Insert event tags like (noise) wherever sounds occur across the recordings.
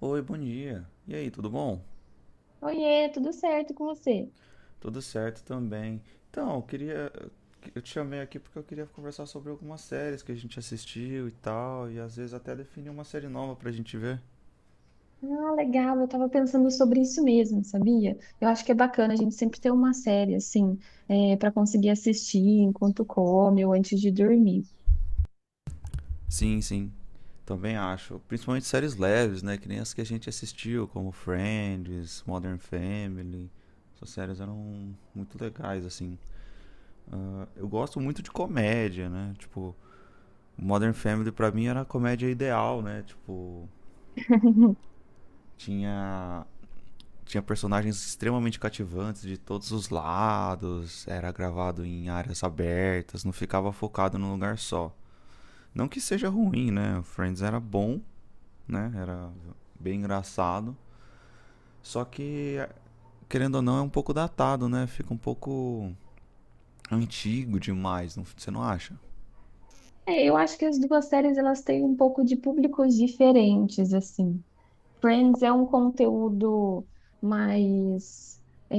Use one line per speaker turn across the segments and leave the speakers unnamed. Oi, bom dia. E aí, tudo bom?
Oiê, tudo certo com você?
Tudo certo também. Então, eu queria. Eu te chamei aqui porque eu queria conversar sobre algumas séries que a gente assistiu e tal, e às vezes até definir uma série nova pra gente ver.
Ah, legal, eu tava pensando sobre isso mesmo, sabia? Eu acho que é bacana a gente sempre ter uma série, assim, para conseguir assistir enquanto come ou antes de dormir.
Sim, sim. Também acho. Principalmente séries leves, né? Que nem as que a gente assistiu, como Friends, Modern Family. Essas séries eram muito legais, assim. Ah, eu gosto muito de comédia, né? Tipo, Modern Family pra mim era a comédia ideal, né? Tipo,
(laughs)
tinha tinha personagens extremamente cativantes de todos os lados, era gravado em áreas abertas, não ficava focado num lugar só. Não que seja ruim, né? O Friends era bom, né? Era bem engraçado, só que querendo ou não é um pouco datado, né? Fica um pouco antigo demais, não, você não acha?
É, eu acho que as duas séries, elas têm um pouco de públicos diferentes, assim. Friends é um conteúdo mais... é,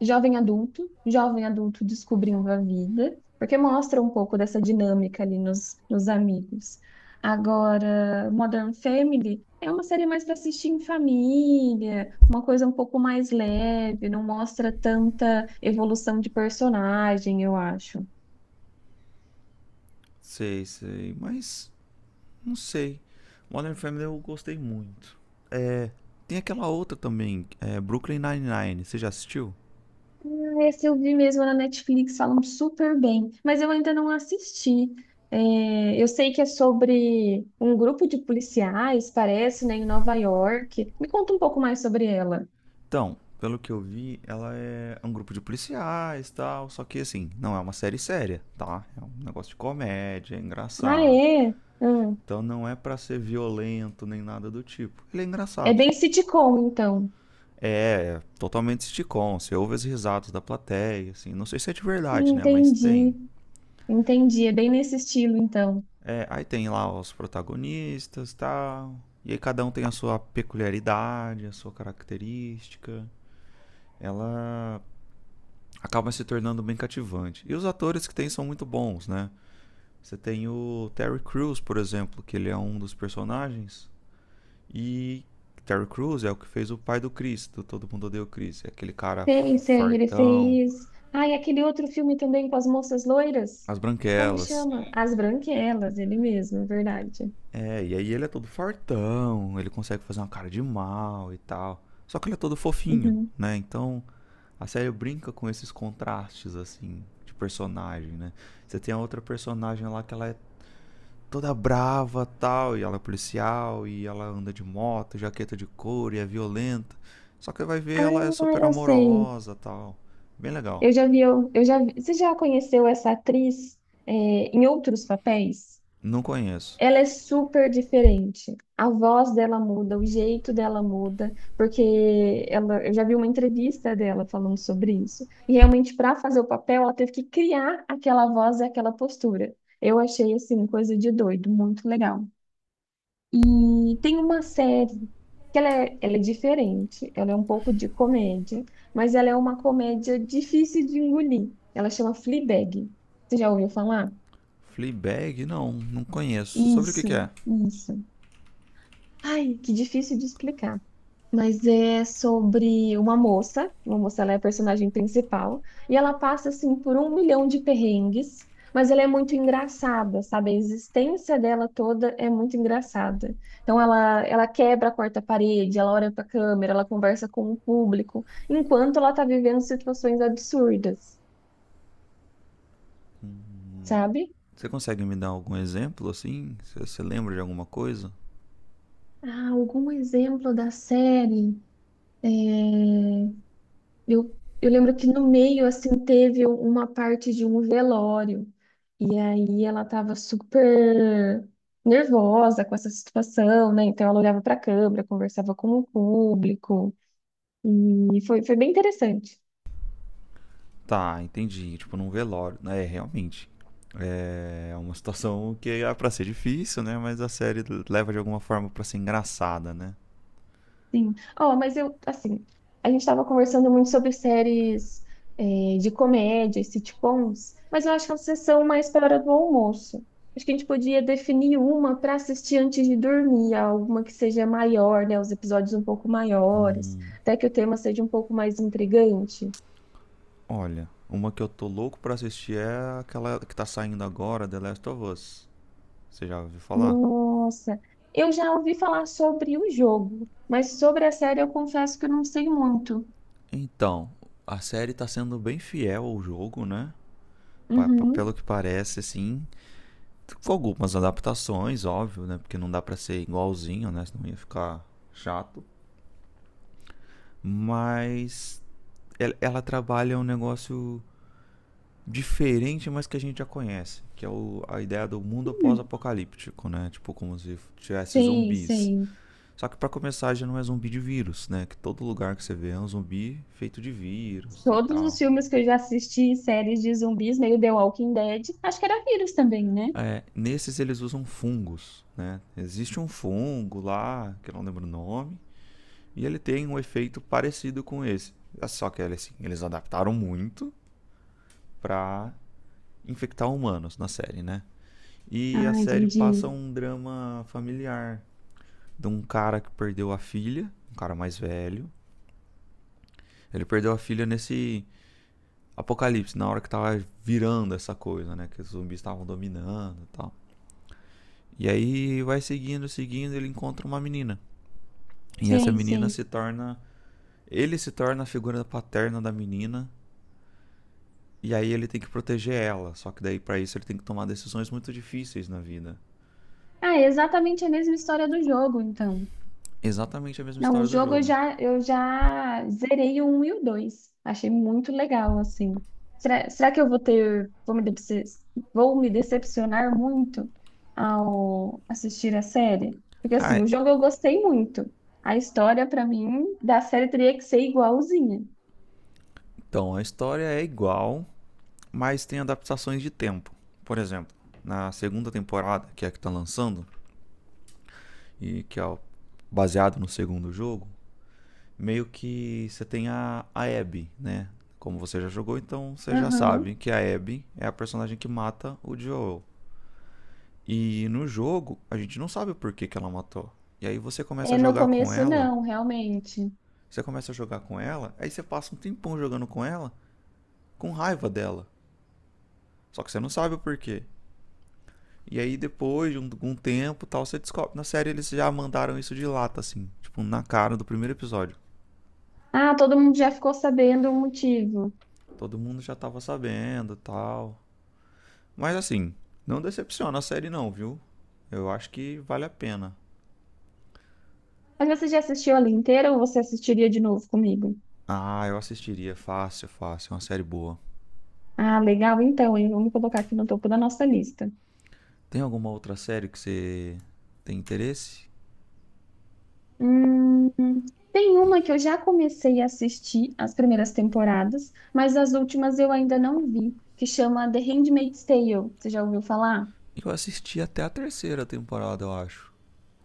jovem adulto descobrindo a vida, porque mostra um pouco dessa dinâmica ali nos amigos. Agora, Modern Family é uma série mais para assistir em família, uma coisa um pouco mais leve, não mostra tanta evolução de personagem, eu acho.
Sei, sei, mas não sei. Modern Family eu gostei muito. É, tem aquela outra também, é Brooklyn Nine-Nine, você já assistiu?
Esse eu vi mesmo na Netflix, falam super bem, mas eu ainda não assisti. É, eu sei que é sobre um grupo de policiais, parece, né, em Nova York. Me conta um pouco mais sobre ela.
Então, pelo que eu vi, ela é um grupo de policiais e tal, só que assim, não é uma série séria, tá? É um negócio de comédia, é
Ah,
engraçado.
é? Hum.
Então não é pra ser violento nem nada do tipo. Ele é
É
engraçado.
bem sitcom, então.
É totalmente sitcom, você ouve as risadas da plateia, assim, não sei se é de verdade, né, mas tem.
Entendi, entendi. É bem nesse estilo, então.
É, aí tem lá os protagonistas, e tal. E aí cada um tem a sua peculiaridade, a sua característica. Ela acaba se tornando bem cativante. E os atores que tem são muito bons, né? Você tem o Terry Crews, por exemplo, que ele é um dos personagens. E Terry Crews é o que fez o pai do Chris, do Todo Mundo Odeia o Chris. É aquele cara
Sei, sei, ele
fartão,
fez. Ah, e aquele outro filme também com as moças loiras?
as
Como
branquelas.
chama? As Branquelas, ele mesmo, é verdade.
É, e aí ele é todo fartão, ele consegue fazer uma cara de mal e tal. Só que ele é todo fofinho,
Uhum.
né? Então a série brinca com esses contrastes, assim, de personagem, né? Você tem a outra personagem lá que ela é toda brava tal, e ela é policial, e ela anda de moto, jaqueta de couro, e é violenta. Só que vai ver, ela é
Ah,
super
eu sei.
amorosa tal. Bem legal.
Eu já vi, eu já vi. Você já conheceu essa atriz, em outros papéis?
Não conheço.
Ela é super diferente. A voz dela muda, o jeito dela muda, porque ela, eu já vi uma entrevista dela falando sobre isso. E realmente, para fazer o papel, ela teve que criar aquela voz e aquela postura. Eu achei, assim, coisa de doido, muito legal. E tem uma série que ela é diferente, ela é um pouco de comédia, mas ela é uma comédia difícil de engolir. Ela chama Fleabag. Você já ouviu falar?
Fleabag? Não, não conheço. Sobre o que que
Isso,
é?
isso. Ai, que difícil de explicar. Mas é sobre uma moça, ela é a personagem principal, e ela passa, assim, por um milhão de perrengues, mas ela é muito engraçada, sabe? A existência dela toda é muito engraçada. Então, ela quebra a quarta parede, ela olha para a câmera, ela conversa com o público, enquanto ela está vivendo situações absurdas, sabe?
Você consegue me dar algum exemplo, assim? Você lembra de alguma coisa?
Ah, algum exemplo da série? É, eu lembro que no meio, assim, teve uma parte de um velório. E aí ela tava super nervosa com essa situação, né? Então ela olhava para a câmera, conversava com o público. E foi bem interessante.
Tá, entendi. Tipo, num velório. É, realmente. É uma situação que é pra ser difícil, né? Mas a série leva de alguma forma pra ser engraçada, né?
Sim. Ó, mas eu, assim, a gente estava conversando muito sobre séries, de comédia, e sitcoms, mas eu acho que elas são mais para a hora do almoço. Acho que a gente podia definir uma para assistir antes de dormir, alguma que seja maior, né? Os episódios um pouco maiores, até que o tema seja um pouco mais intrigante.
Olha, uma que eu tô louco pra assistir é aquela que tá saindo agora, The Last of Us. Você já ouviu falar?
Nossa, eu já ouvi falar sobre o jogo, mas sobre a série eu confesso que eu não sei muito.
Então, a série tá sendo bem fiel ao jogo, né?
Uhum.
Pelo que parece, assim. Com algumas adaptações, óbvio, né? Porque não dá pra ser igualzinho, né? Senão ia ficar chato. Mas ela trabalha um negócio diferente, mas que a gente já conhece. A ideia do mundo
Hum,
pós-apocalíptico, né? Tipo, como se tivesse
sei,
zumbis.
sei.
Só que para começar já não é zumbi de vírus, né? Que todo lugar que você vê é um zumbi feito de vírus e
Todos os
tal.
filmes que eu já assisti, séries de zumbis, meio The Walking Dead, acho que era vírus também, né?
É, nesses eles usam fungos, né? Existe um fungo lá, que eu não lembro o nome, e ele tem um efeito parecido com esse. É. Só que assim, eles adaptaram muito para infectar humanos na série, né? E a
Ah,
série passa
entendi.
um drama familiar de um cara que perdeu a filha, um cara mais velho. Ele perdeu a filha nesse Apocalipse, na hora que tava virando essa coisa, né? Que os zumbis estavam dominando e tal. E aí vai seguindo, seguindo, ele encontra uma menina. E essa
Sim,
menina
sim.
se torna. Ele se torna a figura paterna da menina. E aí ele tem que proteger ela. Só que daí, pra isso, ele tem que tomar decisões muito difíceis na vida.
Ah, é exatamente a mesma história do jogo, então.
Exatamente a mesma
Não, o
história do
jogo
jogo.
eu já zerei o 1 e o 2. Achei muito legal, assim. Será, será que eu vou ter, vou me decepcionar muito ao assistir a série? Porque
Ah,
assim, o jogo eu gostei muito. A história, pra mim, da série teria que ser igualzinha.
então, a história é igual, mas tem adaptações de tempo. Por exemplo, na segunda temporada, que é a que tá lançando, e que é baseado no segundo jogo, meio que você tem a Abby, né? Como você já jogou, então você já sabe
Aham.
que a Abby é a personagem que mata o Joel. E no jogo, a gente não sabe o porquê que ela matou. E aí você começa
É,
a
no
jogar com
começo
ela,
não, realmente.
você começa a jogar com ela, aí você passa um tempão jogando com ela, com raiva dela. Só que você não sabe o porquê. E aí depois de um tempo tal, você descobre. Na série eles já mandaram isso de lata, assim. Tipo, na cara do primeiro episódio.
Ah, todo mundo já ficou sabendo o motivo.
Todo mundo já tava sabendo e tal. Mas assim, não decepciona a série não, viu? Eu acho que vale a pena.
Mas você já assistiu ela inteira ou você assistiria de novo comigo?
Ah, eu assistiria fácil, fácil, é uma série boa.
Ah, legal, então, hein? Vamos colocar aqui no topo da nossa lista.
Tem alguma outra série que você tem interesse?
Hum, tem uma que eu já comecei a assistir as primeiras temporadas, mas as últimas eu ainda não vi, que chama The Handmaid's Tale. Você já ouviu falar?
Eu assisti até a terceira temporada, eu acho.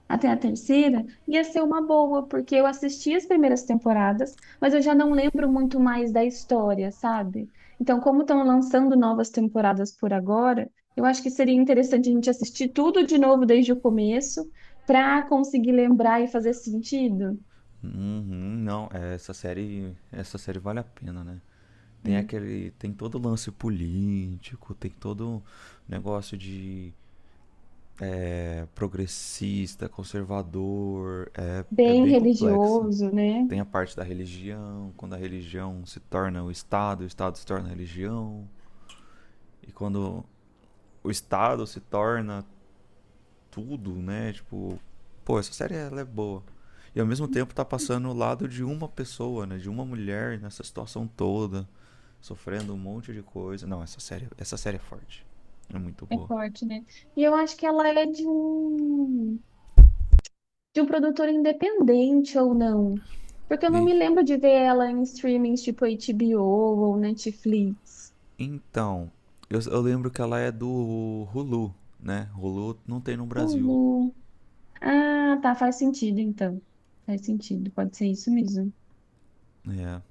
Até a terceira, ia ser uma boa, porque eu assisti as primeiras temporadas, mas eu já não lembro muito mais da história, sabe? Então, como estão lançando novas temporadas por agora, eu acho que seria interessante a gente assistir tudo de novo desde o começo, para conseguir lembrar e fazer sentido.
Uhum, não, é, essa série vale a pena, né?
É.
Tem aquele, tem todo o lance político, tem todo o negócio de é, progressista, conservador, é
Bem
bem complexa.
religioso, né?
Tem a parte da religião, quando a religião se torna o Estado se torna a religião. E quando o Estado se torna tudo, né? Tipo, pô, essa série ela é boa. E ao mesmo tempo tá passando o lado de uma pessoa, né? De uma mulher nessa situação toda, sofrendo um monte de coisa. Não, essa série é forte. É muito
É
boa.
forte, né? E eu acho que ela é de um. De um produtor independente ou não. Porque eu não me lembro de ver ela em streamings tipo HBO ou Netflix.
Então, eu lembro que ela é do Hulu, né? Hulu não tem no Brasil.
Hulu. Ah, tá, faz sentido então. Faz sentido, pode ser isso mesmo.
É,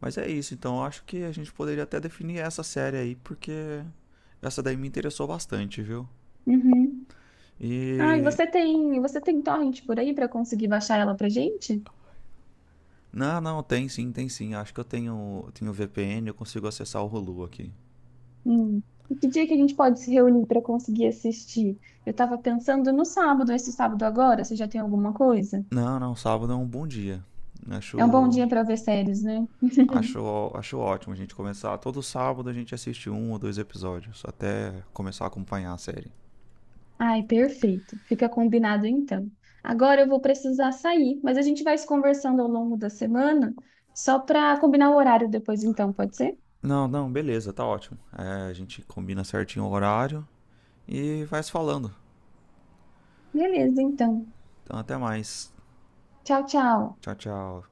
Mas é isso, então eu acho que a gente poderia até definir essa série aí, porque essa daí me interessou bastante, viu?
Uhum. Ah, e
E.
você tem torrent por aí pra conseguir baixar ela pra gente?
Não, não, tem sim, tem sim. Acho que eu tenho VPN, eu consigo acessar o Hulu aqui.
Hum. E que dia que a gente pode se reunir pra conseguir assistir? Eu tava pensando no sábado, esse sábado agora, você já tem alguma coisa?
Não, não, sábado é um bom dia.
É um bom
Acho,
dia pra ver séries, né?
acho ótimo a gente começar. Todo sábado a gente assiste um ou dois episódios, até começar a acompanhar a série.
Ai, perfeito. Fica combinado então. Agora eu vou precisar sair, mas a gente vai se conversando ao longo da semana, só para combinar o horário depois, então, pode ser?
Não, não, beleza, tá ótimo. É, a gente combina certinho o horário e vai se falando.
Beleza, então.
Então até mais.
Tchau, tchau.
Tchau, tchau.